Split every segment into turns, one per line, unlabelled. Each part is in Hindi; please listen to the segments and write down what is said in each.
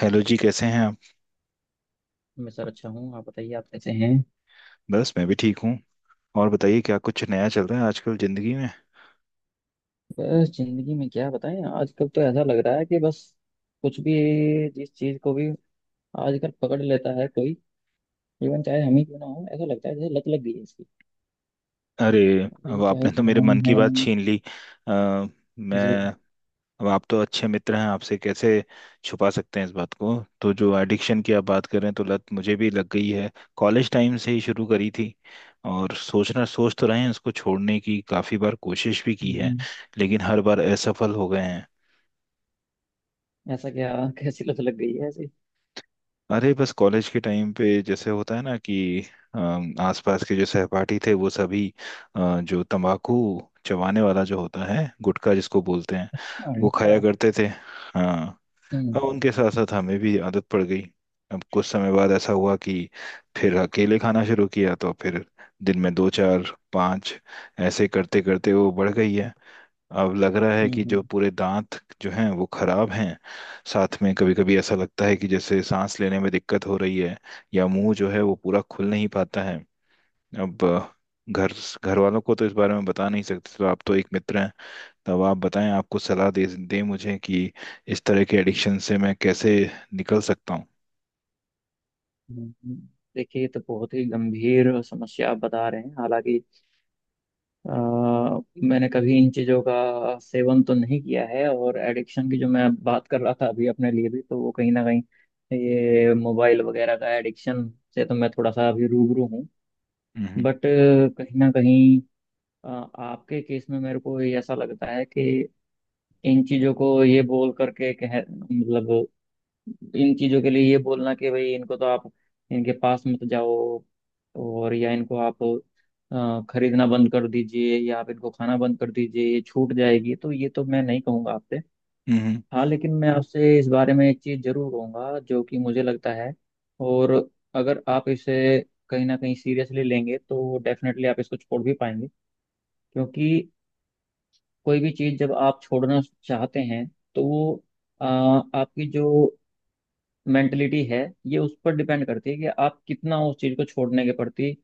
हेलो जी, कैसे हैं आप?
मैं सर अच्छा हूँ। आप बताइए, आप कैसे हैं?
बस मैं भी ठीक हूँ। और बताइए, क्या कुछ नया चल रहा है आजकल ज़िंदगी में?
बस जिंदगी में क्या बताएं। आजकल तो ऐसा लग रहा है कि बस कुछ भी, जिस चीज को भी आजकल पकड़ लेता है कोई, इवन चाहे हम ही क्यों ना हो, ऐसा लगता है जैसे लत लग गई है इसकी।
अरे,
अभी
अब
चाहे
आपने तो मेरे
फोन
मन की
है।
बात छीन ली। अ, मैं
जी।
अब आप तो अच्छे मित्र हैं, आपसे कैसे छुपा सकते हैं इस बात को? तो जो एडिक्शन की आप बात कर रहे हैं, तो लत मुझे भी लग गई है। कॉलेज टाइम से ही शुरू करी थी। और सोच तो रहे हैं, उसको छोड़ने की काफ़ी बार कोशिश भी की है,
हम्म।
लेकिन हर बार असफल हो गए हैं।
ऐसा क्या कैसी लत लग गई है ऐसी?
अरे बस कॉलेज के टाइम पे जैसे होता है ना कि आसपास के जो सहपाठी थे वो सभी जो तंबाकू चबाने वाला जो होता है, गुटखा जिसको बोलते हैं,
अच्छा
वो
लटका।
खाया करते थे। हाँ,
हम्म,
अब उनके साथ साथ हमें भी आदत पड़ गई। अब कुछ समय बाद ऐसा हुआ कि फिर अकेले खाना शुरू किया, तो फिर दिन में दो, चार, पाँच, ऐसे करते करते वो बढ़ गई है। अब लग रहा है
हम्म,
कि जो पूरे दांत जो हैं वो खराब हैं। साथ में कभी कभी ऐसा लगता है कि जैसे सांस लेने में दिक्कत हो रही है, या मुंह जो है वो पूरा खुल नहीं पाता है। अब अ, घर घर वालों को तो इस बारे में बता नहीं सकते, तो आप तो एक मित्र हैं। तो अब आप बताएं, आपको सलाह दे दें मुझे कि इस तरह के एडिक्शन से मैं कैसे निकल सकता हूँ।
हम्म, हम्म। देखिए, ये तो बहुत ही गंभीर समस्या आप बता रहे हैं। हालांकि अ, मैंने कभी इन चीज़ों का सेवन तो नहीं किया है, और एडिक्शन की जो मैं बात कर रहा था अभी अपने लिए भी, तो वो कहीं ना कहीं ये मोबाइल वगैरह का एडिक्शन से तो मैं थोड़ा सा अभी रूबरू हूँ।
हम्म,
बट कहीं ना कहीं अ, आपके केस में मेरे को ये ऐसा लगता है कि इन चीज़ों को ये बोल करके कह मतलब, इन चीजों के लिए ये बोलना कि भाई इनको तो आप इनके पास मत जाओ, और या इनको आप खरीदना बंद कर दीजिए या आप इनको खाना बंद कर दीजिए, ये छूट जाएगी, तो ये तो मैं नहीं कहूँगा आपसे।
हम्म, हम्म।
हाँ, लेकिन मैं आपसे इस बारे में एक चीज़ जरूर कहूँगा जो कि मुझे लगता है, और अगर आप इसे कहीं ना कहीं सीरियसली लेंगे तो डेफिनेटली आप इसको छोड़ भी पाएंगे। क्योंकि कोई भी चीज़ जब आप छोड़ना चाहते हैं, तो वो आपकी जो मेंटलिटी है, ये उस पर डिपेंड करती है कि आप कितना उस चीज़ को छोड़ने के प्रति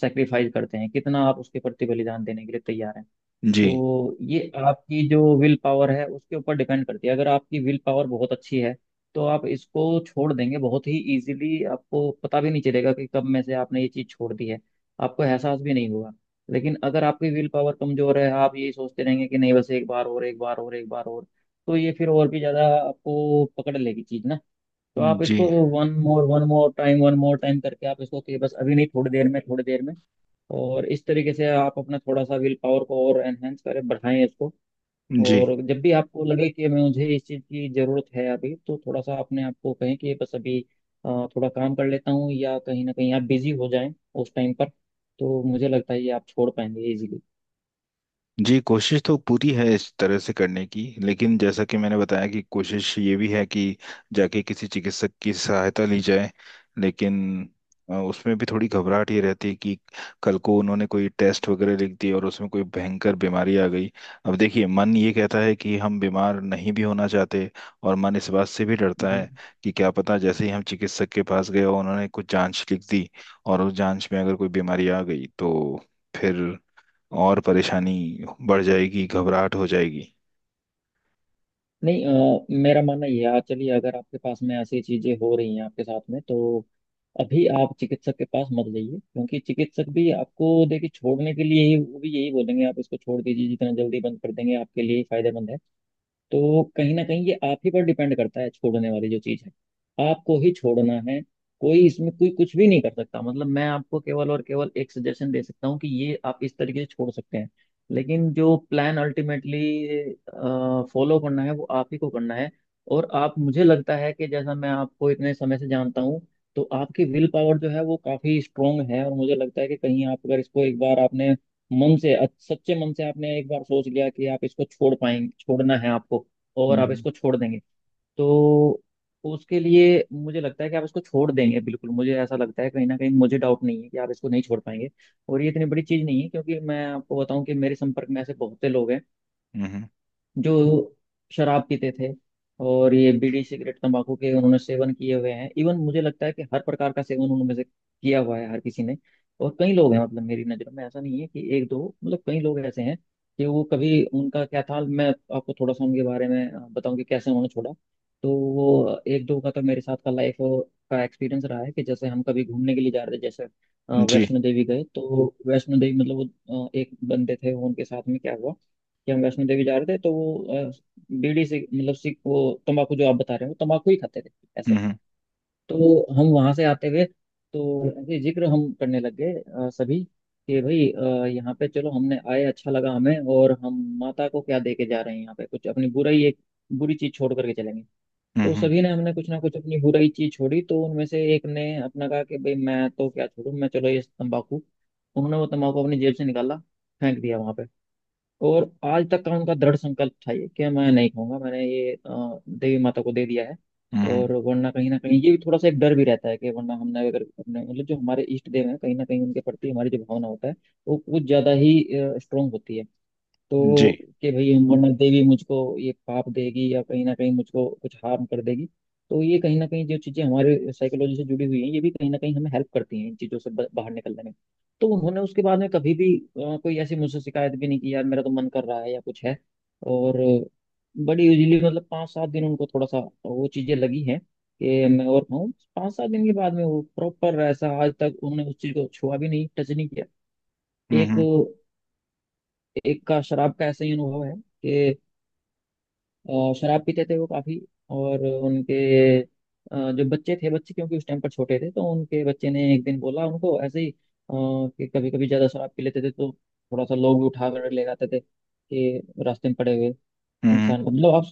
सेक्रीफाइस करते हैं, कितना आप उसके प्रति बलिदान देने के लिए तैयार हैं।
जी,
तो ये आपकी जो विल पावर है उसके ऊपर डिपेंड करती है। अगर आपकी विल पावर बहुत अच्छी है तो आप इसको छोड़ देंगे बहुत ही इजीली, आपको पता भी नहीं चलेगा कि कब में से आपने ये चीज़ छोड़ दी है, आपको एहसास भी नहीं होगा। लेकिन अगर आपकी विल पावर कमजोर है, आप यही सोचते रहेंगे कि नहीं बस एक बार और, एक बार और, एक बार और। तो ये फिर और भी ज़्यादा आपको पकड़ लेगी चीज़ ना। तो आप
जी।
इसको one more, one more time, one more time करके आप इसको कि बस अभी नहीं, थोड़ी देर में, थोड़ी देर में। और इस तरीके से आप अपना थोड़ा सा विल पावर को और एनहेंस करें, बढ़ाएं इसको।
जी,
और जब भी आपको लगे कि मुझे इस चीज़ की ज़रूरत है अभी, तो थोड़ा सा अपने आप को कहें कि बस अभी अ, थोड़ा काम कर लेता हूँ, या कहीं ना कहीं आप बिजी हो जाएं उस टाइम पर। तो मुझे लगता है ये आप छोड़ पाएंगे इजीली।
जी, कोशिश तो पूरी है इस तरह से करने की, लेकिन जैसा कि मैंने बताया कि कोशिश ये भी है कि जाके किसी चिकित्सक की सहायता ली जाए। लेकिन उसमें भी थोड़ी घबराहट ये रहती है कि कल को उन्होंने कोई टेस्ट वगैरह लिख दिए और उसमें कोई भयंकर बीमारी आ गई। अब देखिए, मन ये कहता है कि हम बीमार नहीं भी होना चाहते, और मन इस बात से भी डरता
जी।
है कि क्या पता जैसे ही हम चिकित्सक के पास गए और उन्होंने कुछ जांच लिख दी, और उस जांच में अगर कोई बीमारी आ गई तो फिर और परेशानी बढ़ जाएगी, घबराहट हो जाएगी।
नहीं, मेरा मानना ये है, चलिए अगर आपके पास में ऐसी चीजें हो रही हैं आपके साथ में तो अभी आप चिकित्सक के पास मत जाइए, क्योंकि चिकित्सक भी आपको देखिए छोड़ने के लिए ही वो भी यही बोलेंगे, आप इसको छोड़ दीजिए, जितना जल्दी बंद कर देंगे आपके लिए ही फायदेमंद है। तो कहीं ना कहीं ये आप ही पर डिपेंड करता है, छोड़ने वाली जो चीज है आपको ही छोड़ना है। कोई इसमें कोई कुछ भी नहीं कर सकता, मतलब मैं आपको केवल और केवल एक सजेशन दे सकता हूँ कि ये आप इस तरीके से छोड़ सकते हैं। लेकिन जो प्लान अल्टीमेटली फॉलो करना है वो आप ही को करना है। और आप, मुझे लगता है कि जैसा मैं आपको इतने समय से जानता हूँ, तो आपकी विल पावर जो है वो काफी स्ट्रोंग है, और मुझे लगता है कि कहीं आप अगर इसको एक बार आपने मन से सच्चे मन से आपने एक बार सोच लिया कि आप इसको छोड़ पाएंगे, छोड़ना है आपको, और आप
हम्म,
इसको छोड़ देंगे। तो उसके लिए मुझे लगता है कि आप इसको छोड़ देंगे बिल्कुल। मुझे ऐसा लगता है कहीं ना कहीं, मुझे डाउट नहीं है कि आप इसको नहीं छोड़ पाएंगे। और ये इतनी बड़ी चीज़ नहीं है, क्योंकि मैं आपको बताऊं कि मेरे संपर्क में ऐसे बहुत से लोग हैं
हम्म।
जो शराब पीते थे, और ये बीड़ी सिगरेट तंबाकू के उन्होंने सेवन किए हुए हैं। इवन मुझे लगता है कि हर प्रकार का सेवन उनमें से किया हुआ है हर किसी ने। और कई लोग हैं, मतलब मेरी नज़र में ऐसा नहीं है कि एक दो, मतलब कई लोग ऐसे हैं कि वो कभी उनका क्या था। मैं आपको थोड़ा सा उनके बारे में बताऊं कि कैसे उन्होंने छोड़ा। तो वो एक दो का तो मेरे साथ का लाइफ का एक्सपीरियंस रहा है कि जैसे हम कभी घूमने के लिए जा रहे थे, जैसे
जी।
वैष्णो देवी गए। तो वैष्णो देवी मतलब, वो एक बंदे थे उनके साथ में, क्या हुआ कि हम वैष्णो देवी जा रहे थे तो वो बीड़ी से मतलब सिग वो तंबाकू, जो आप बता रहे हो तंबाकू ही खाते थे ऐसे।
हम्म,
तो हम वहां से आते हुए, तो ऐसे जिक्र हम करने लग गए सभी, कि भाई यहाँ पे चलो हमने आए, अच्छा लगा हमें, और हम माता को क्या दे के जा रहे हैं यहाँ पे, कुछ अपनी बुराई, एक बुरी चीज छोड़ करके चलेंगे।
हम्म,
तो
हम्म,
सभी ने हमने कुछ ना कुछ अपनी बुराई चीज छोड़ी, तो उनमें से एक ने अपना कहा कि भाई मैं तो क्या छोड़ूं, मैं चलो ये तंबाकू। उन्होंने वो तंबाकू अपनी जेब से निकाला, फेंक दिया वहां पे। और आज तक का उनका दृढ़ संकल्प था ये कि मैं नहीं खाऊंगा, मैंने ये देवी माता को दे दिया है।
हम्म, हम्म।
और वरना कहीं ना कहीं ये भी थोड़ा सा एक डर भी रहता है कि वरना हमने अगर अपने, मतलब जो हमारे इष्ट देव हैं, कहीं ना कहीं उनके प्रति हमारी जो भावना होता है वो कुछ ज्यादा ही स्ट्रोंग होती है।
जी।
तो कि भाई वरना देवी मुझको ये पाप देगी या कहीं ना कहीं मुझको कुछ हार्म कर देगी। तो ये कहीं ना कहीं जो चीज़ें हमारे साइकोलॉजी से जुड़ी हुई हैं, ये भी कहीं ना कहीं हमें हेल्प करती हैं इन चीज़ों से बाहर निकलने में। तो उन्होंने उसके बाद में कभी भी कोई ऐसी मुझसे शिकायत भी नहीं की यार मेरा तो मन कर रहा है या कुछ है। और बड़ी यूजली, मतलब पाँच सात दिन उनको थोड़ा सा वो चीज़ें लगी हैं कि मैं और खाऊं। पाँच सात दिन के बाद में वो प्रॉपर ऐसा, आज तक उन्होंने उस चीज़ को छुआ भी नहीं, टच नहीं किया।
हम्म,
एक
हम्म,
एक का शराब का ऐसा ही अनुभव है। और शराब पीते थे वो काफी। और उनके जो बच्चे थे, बच्चे क्योंकि उस टाइम पर छोटे थे, तो उनके बच्चे ने एक दिन बोला उनको ऐसे ही, कि कभी कभी ज्यादा शराब पी लेते थे तो थोड़ा सा लोग भी उठा कर ले जाते थे कि रास्ते में पड़े हुए
हम्म,
इंसान को। मतलब आप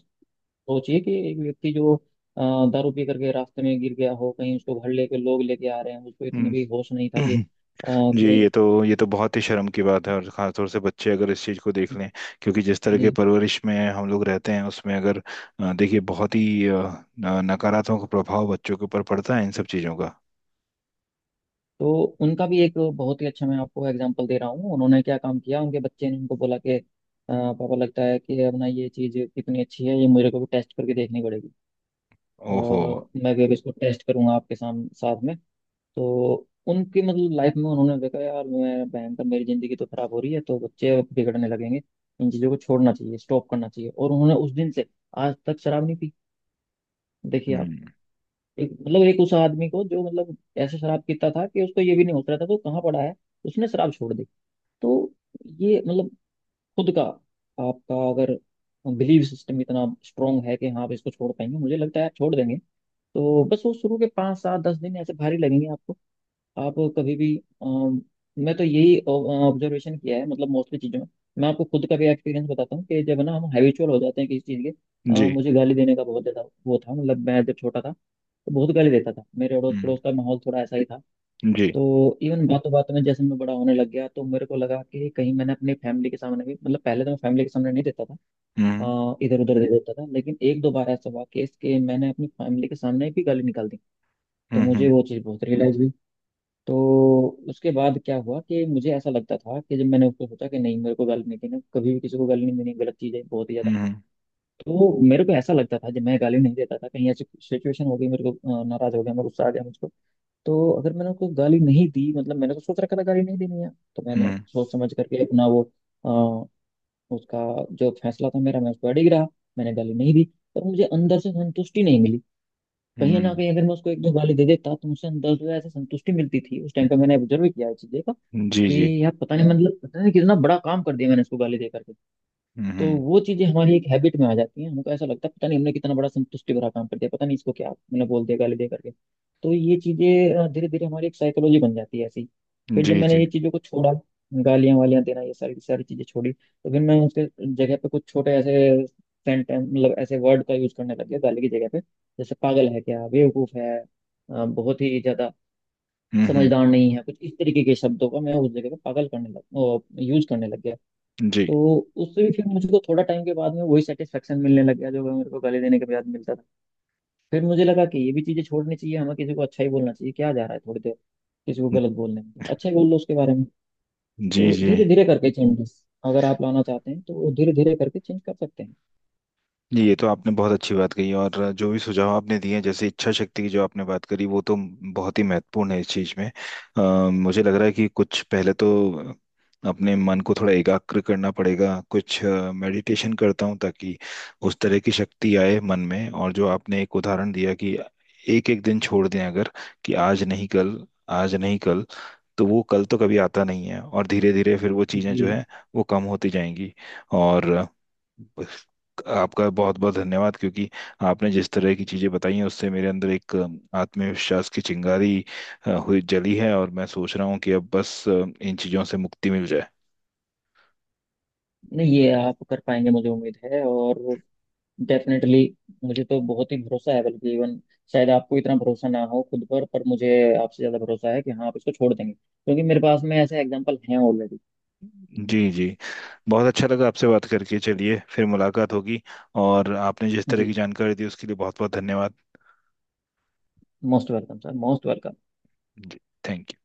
सोचिए कि एक व्यक्ति जो दारू पी करके रास्ते में गिर गया हो कहीं, उसको घर लेके लोग लेके आ रहे हैं, उसको इतना
हम्म।
भी होश नहीं था कि अ,
जी, ये
कि
तो ये तो बहुत ही शर्म की बात है, और खासतौर से बच्चे अगर इस चीज़ को देख लें, क्योंकि जिस तरह के
जी।
परवरिश में हम लोग रहते हैं उसमें अगर देखिए, बहुत ही नकारात्मक प्रभाव बच्चों के ऊपर पड़ता है इन सब चीज़ों का।
तो उनका भी एक बहुत ही अच्छा, मैं आपको एग्जांपल दे रहा हूँ, उन्होंने क्या काम किया। उनके बच्चे ने उनको बोला कि पापा, लगता है कि अपना ये चीज़ कितनी अच्छी है, ये मेरे को भी टेस्ट करके देखनी पड़ेगी,
ओहो।
और मैं भी अब इसको टेस्ट करूंगा आपके सामने साथ में।" तो उनकी मतलब लाइफ में उन्होंने देखा, यार मैं भयंकर, मेरी ज़िंदगी तो खराब हो रही है, तो बच्चे बिगड़ने लगेंगे, इन चीज़ों को छोड़ना चाहिए, स्टॉप करना चाहिए। और उन्होंने उस दिन से आज तक शराब नहीं पी। देखिए आप,
हम्म।
एक मतलब एक उस आदमी को जो मतलब ऐसे शराब पीता था कि उसको ये भी नहीं होश रहता था वो कहाँ पड़ा है, उसने शराब छोड़ दी। तो ये मतलब, खुद का, आपका अगर बिलीव सिस्टम इतना स्ट्रांग है कि हाँ आप इसको छोड़ पाएंगे, मुझे लगता है आप छोड़ देंगे। तो बस वो शुरू के पाँच सात दस दिन ऐसे भारी लगेंगे आपको। आप कभी भी, अम, मैं तो यही ऑब्जर्वेशन किया है, मतलब मोस्टली चीज़ों में। मैं आपको खुद का भी एक्सपीरियंस बताता हूँ कि जब ना हम हैबिचुअल हो जाते हैं किसी चीज़ के।
जी।
मुझे गाली देने का बहुत ज़्यादा वो था, मतलब मैं जब छोटा था तो बहुत गाली देता था, मेरे अड़ोस
हम्म।
पड़ोस का माहौल थोड़ा ऐसा ही था।
जी।
तो इवन बातों बातों में जैसे मैं बड़ा होने लग गया, तो मेरे को लगा कि कहीं मैंने अपनी फैमिली के सामने भी, मतलब पहले तो मैं फैमिली के सामने नहीं देता था,
हम्म,
इधर उधर दे देता था, लेकिन एक दो बार ऐसा हुआ केस के मैंने अपनी फैमिली के सामने भी गाली निकाल दी। तो मुझे
हम्म,
वो चीज़ बहुत रियलाइज हुई। तो उसके बाद क्या हुआ कि मुझे ऐसा लगता था कि जब मैंने उसको सोचा कि नहीं मेरे को गाली नहीं देना, कभी भी किसी को गाली नहीं देनी, गलत चीज़ है बहुत ही ज्यादा।
हम्म,
तो मेरे को ऐसा लगता था, जब मैं गाली नहीं देता था, कहीं ऐसी सिचुएशन हो गई मेरे को, नाराज हो गया मैं, गुस्सा आ गया मुझको, तो अगर मैंने उसको गाली नहीं दी, मतलब मैंने तो सोच रखा था गाली नहीं देनी है, तो मैंने
हम्म,
सोच समझ करके अपना वो, अ, उसका जो फैसला था मेरा, मैं उस पर अड़िग रहा, मैंने गाली नहीं दी। पर मुझे अंदर से संतुष्टि नहीं मिली। कहीं ना
हम्म,
कहीं अगर मैं उसको एक दो गाली दे देता तो मुझे अंदर से ऐसे संतुष्टि मिलती थी, उस टाइम पे मैंने ऑब्जर्व किया है चीजें का,
हम्म। जी, जी।
कि यार पता नहीं, मतलब पता नहीं कितना बड़ा काम कर दिया मैंने उसको गाली दे करके। तो
हम्म।
वो चीजें हमारी एक हैबिट में आ जाती हैं, हमको ऐसा लगता है पता नहीं हमने कितना बड़ा संतुष्टि भरा काम कर दिया, पता नहीं इसको क्या मैंने बोल दिया गाली दे करके। तो ये चीजें धीरे धीरे हमारी एक साइकोलॉजी बन जाती है ऐसी। फिर जब
जी,
मैंने
जी।
ये चीजों को छोड़ा, गालियां वालियां देना ये सारी सारी चीजें छोड़ी, तो फिर मैं उसके जगह पे कुछ छोटे ऐसे सेंटेंस, मतलब ऐसे वर्ड का यूज करने लग गया गाली की जगह पे। जैसे पागल है क्या, बेवकूफ है, बहुत ही ज्यादा
हम्म।
समझदार नहीं है, कुछ इस तरीके के शब्दों का मैं उस जगह पे पागल करने लग यूज करने लग गया।
जी,
तो उससे भी फिर मुझको थोड़ा टाइम के बाद में वही सेटिस्फेक्शन मिलने लग गया जो मेरे को गाली देने के बाद मिलता था। फिर मुझे लगा कि ये भी चीजें छोड़नी चाहिए, हमें किसी को अच्छा ही बोलना चाहिए, क्या जा रहा है थोड़ी देर किसी को गलत बोलने में, अच्छा ही बोल लो उसके बारे में।
जी।
तो
जी,
धीरे धीरे करके चेंजेस अगर आप लाना चाहते हैं तो धीरे धीरे करके चेंज कर सकते हैं।
जी, ये तो आपने बहुत अच्छी बात कही, और जो भी सुझाव आपने दिए हैं जैसे इच्छा शक्ति की जो आपने बात करी, वो तो बहुत ही महत्वपूर्ण है इस चीज में। मुझे लग रहा है कि कुछ पहले तो अपने मन को थोड़ा एकाग्र करना पड़ेगा, कुछ मेडिटेशन करता हूँ ताकि उस तरह की शक्ति आए मन में। और जो आपने एक उदाहरण दिया कि एक एक दिन छोड़ दें, अगर कि आज नहीं कल, आज नहीं कल, तो वो कल तो कभी आता नहीं है, और धीरे धीरे फिर वो चीज़ें
जी।
जो है वो कम होती जाएंगी। और आपका बहुत बहुत धन्यवाद, क्योंकि आपने जिस तरह की चीज़ें बताई हैं उससे मेरे अंदर एक आत्मविश्वास की चिंगारी अ, हुई जली है, और मैं सोच रहा हूँ कि अब बस इन चीज़ों से मुक्ति मिल जाए।
नहीं ये आप कर पाएंगे, मुझे उम्मीद है, और डेफिनेटली मुझे तो बहुत ही भरोसा है, बल्कि इवन शायद आपको इतना भरोसा ना हो खुद पर मुझे आपसे ज्यादा भरोसा है कि हाँ आप इसको छोड़ देंगे, क्योंकि मेरे पास में ऐसे एग्जांपल हैं ऑलरेडी।
जी, जी, बहुत अच्छा लगा आपसे बात करके, चलिए फिर मुलाकात होगी। और आपने जिस तरह
जी।
की जानकारी दी उसके लिए बहुत बहुत धन्यवाद।
Most welcome sir, most welcome.
जी, थैंक यू।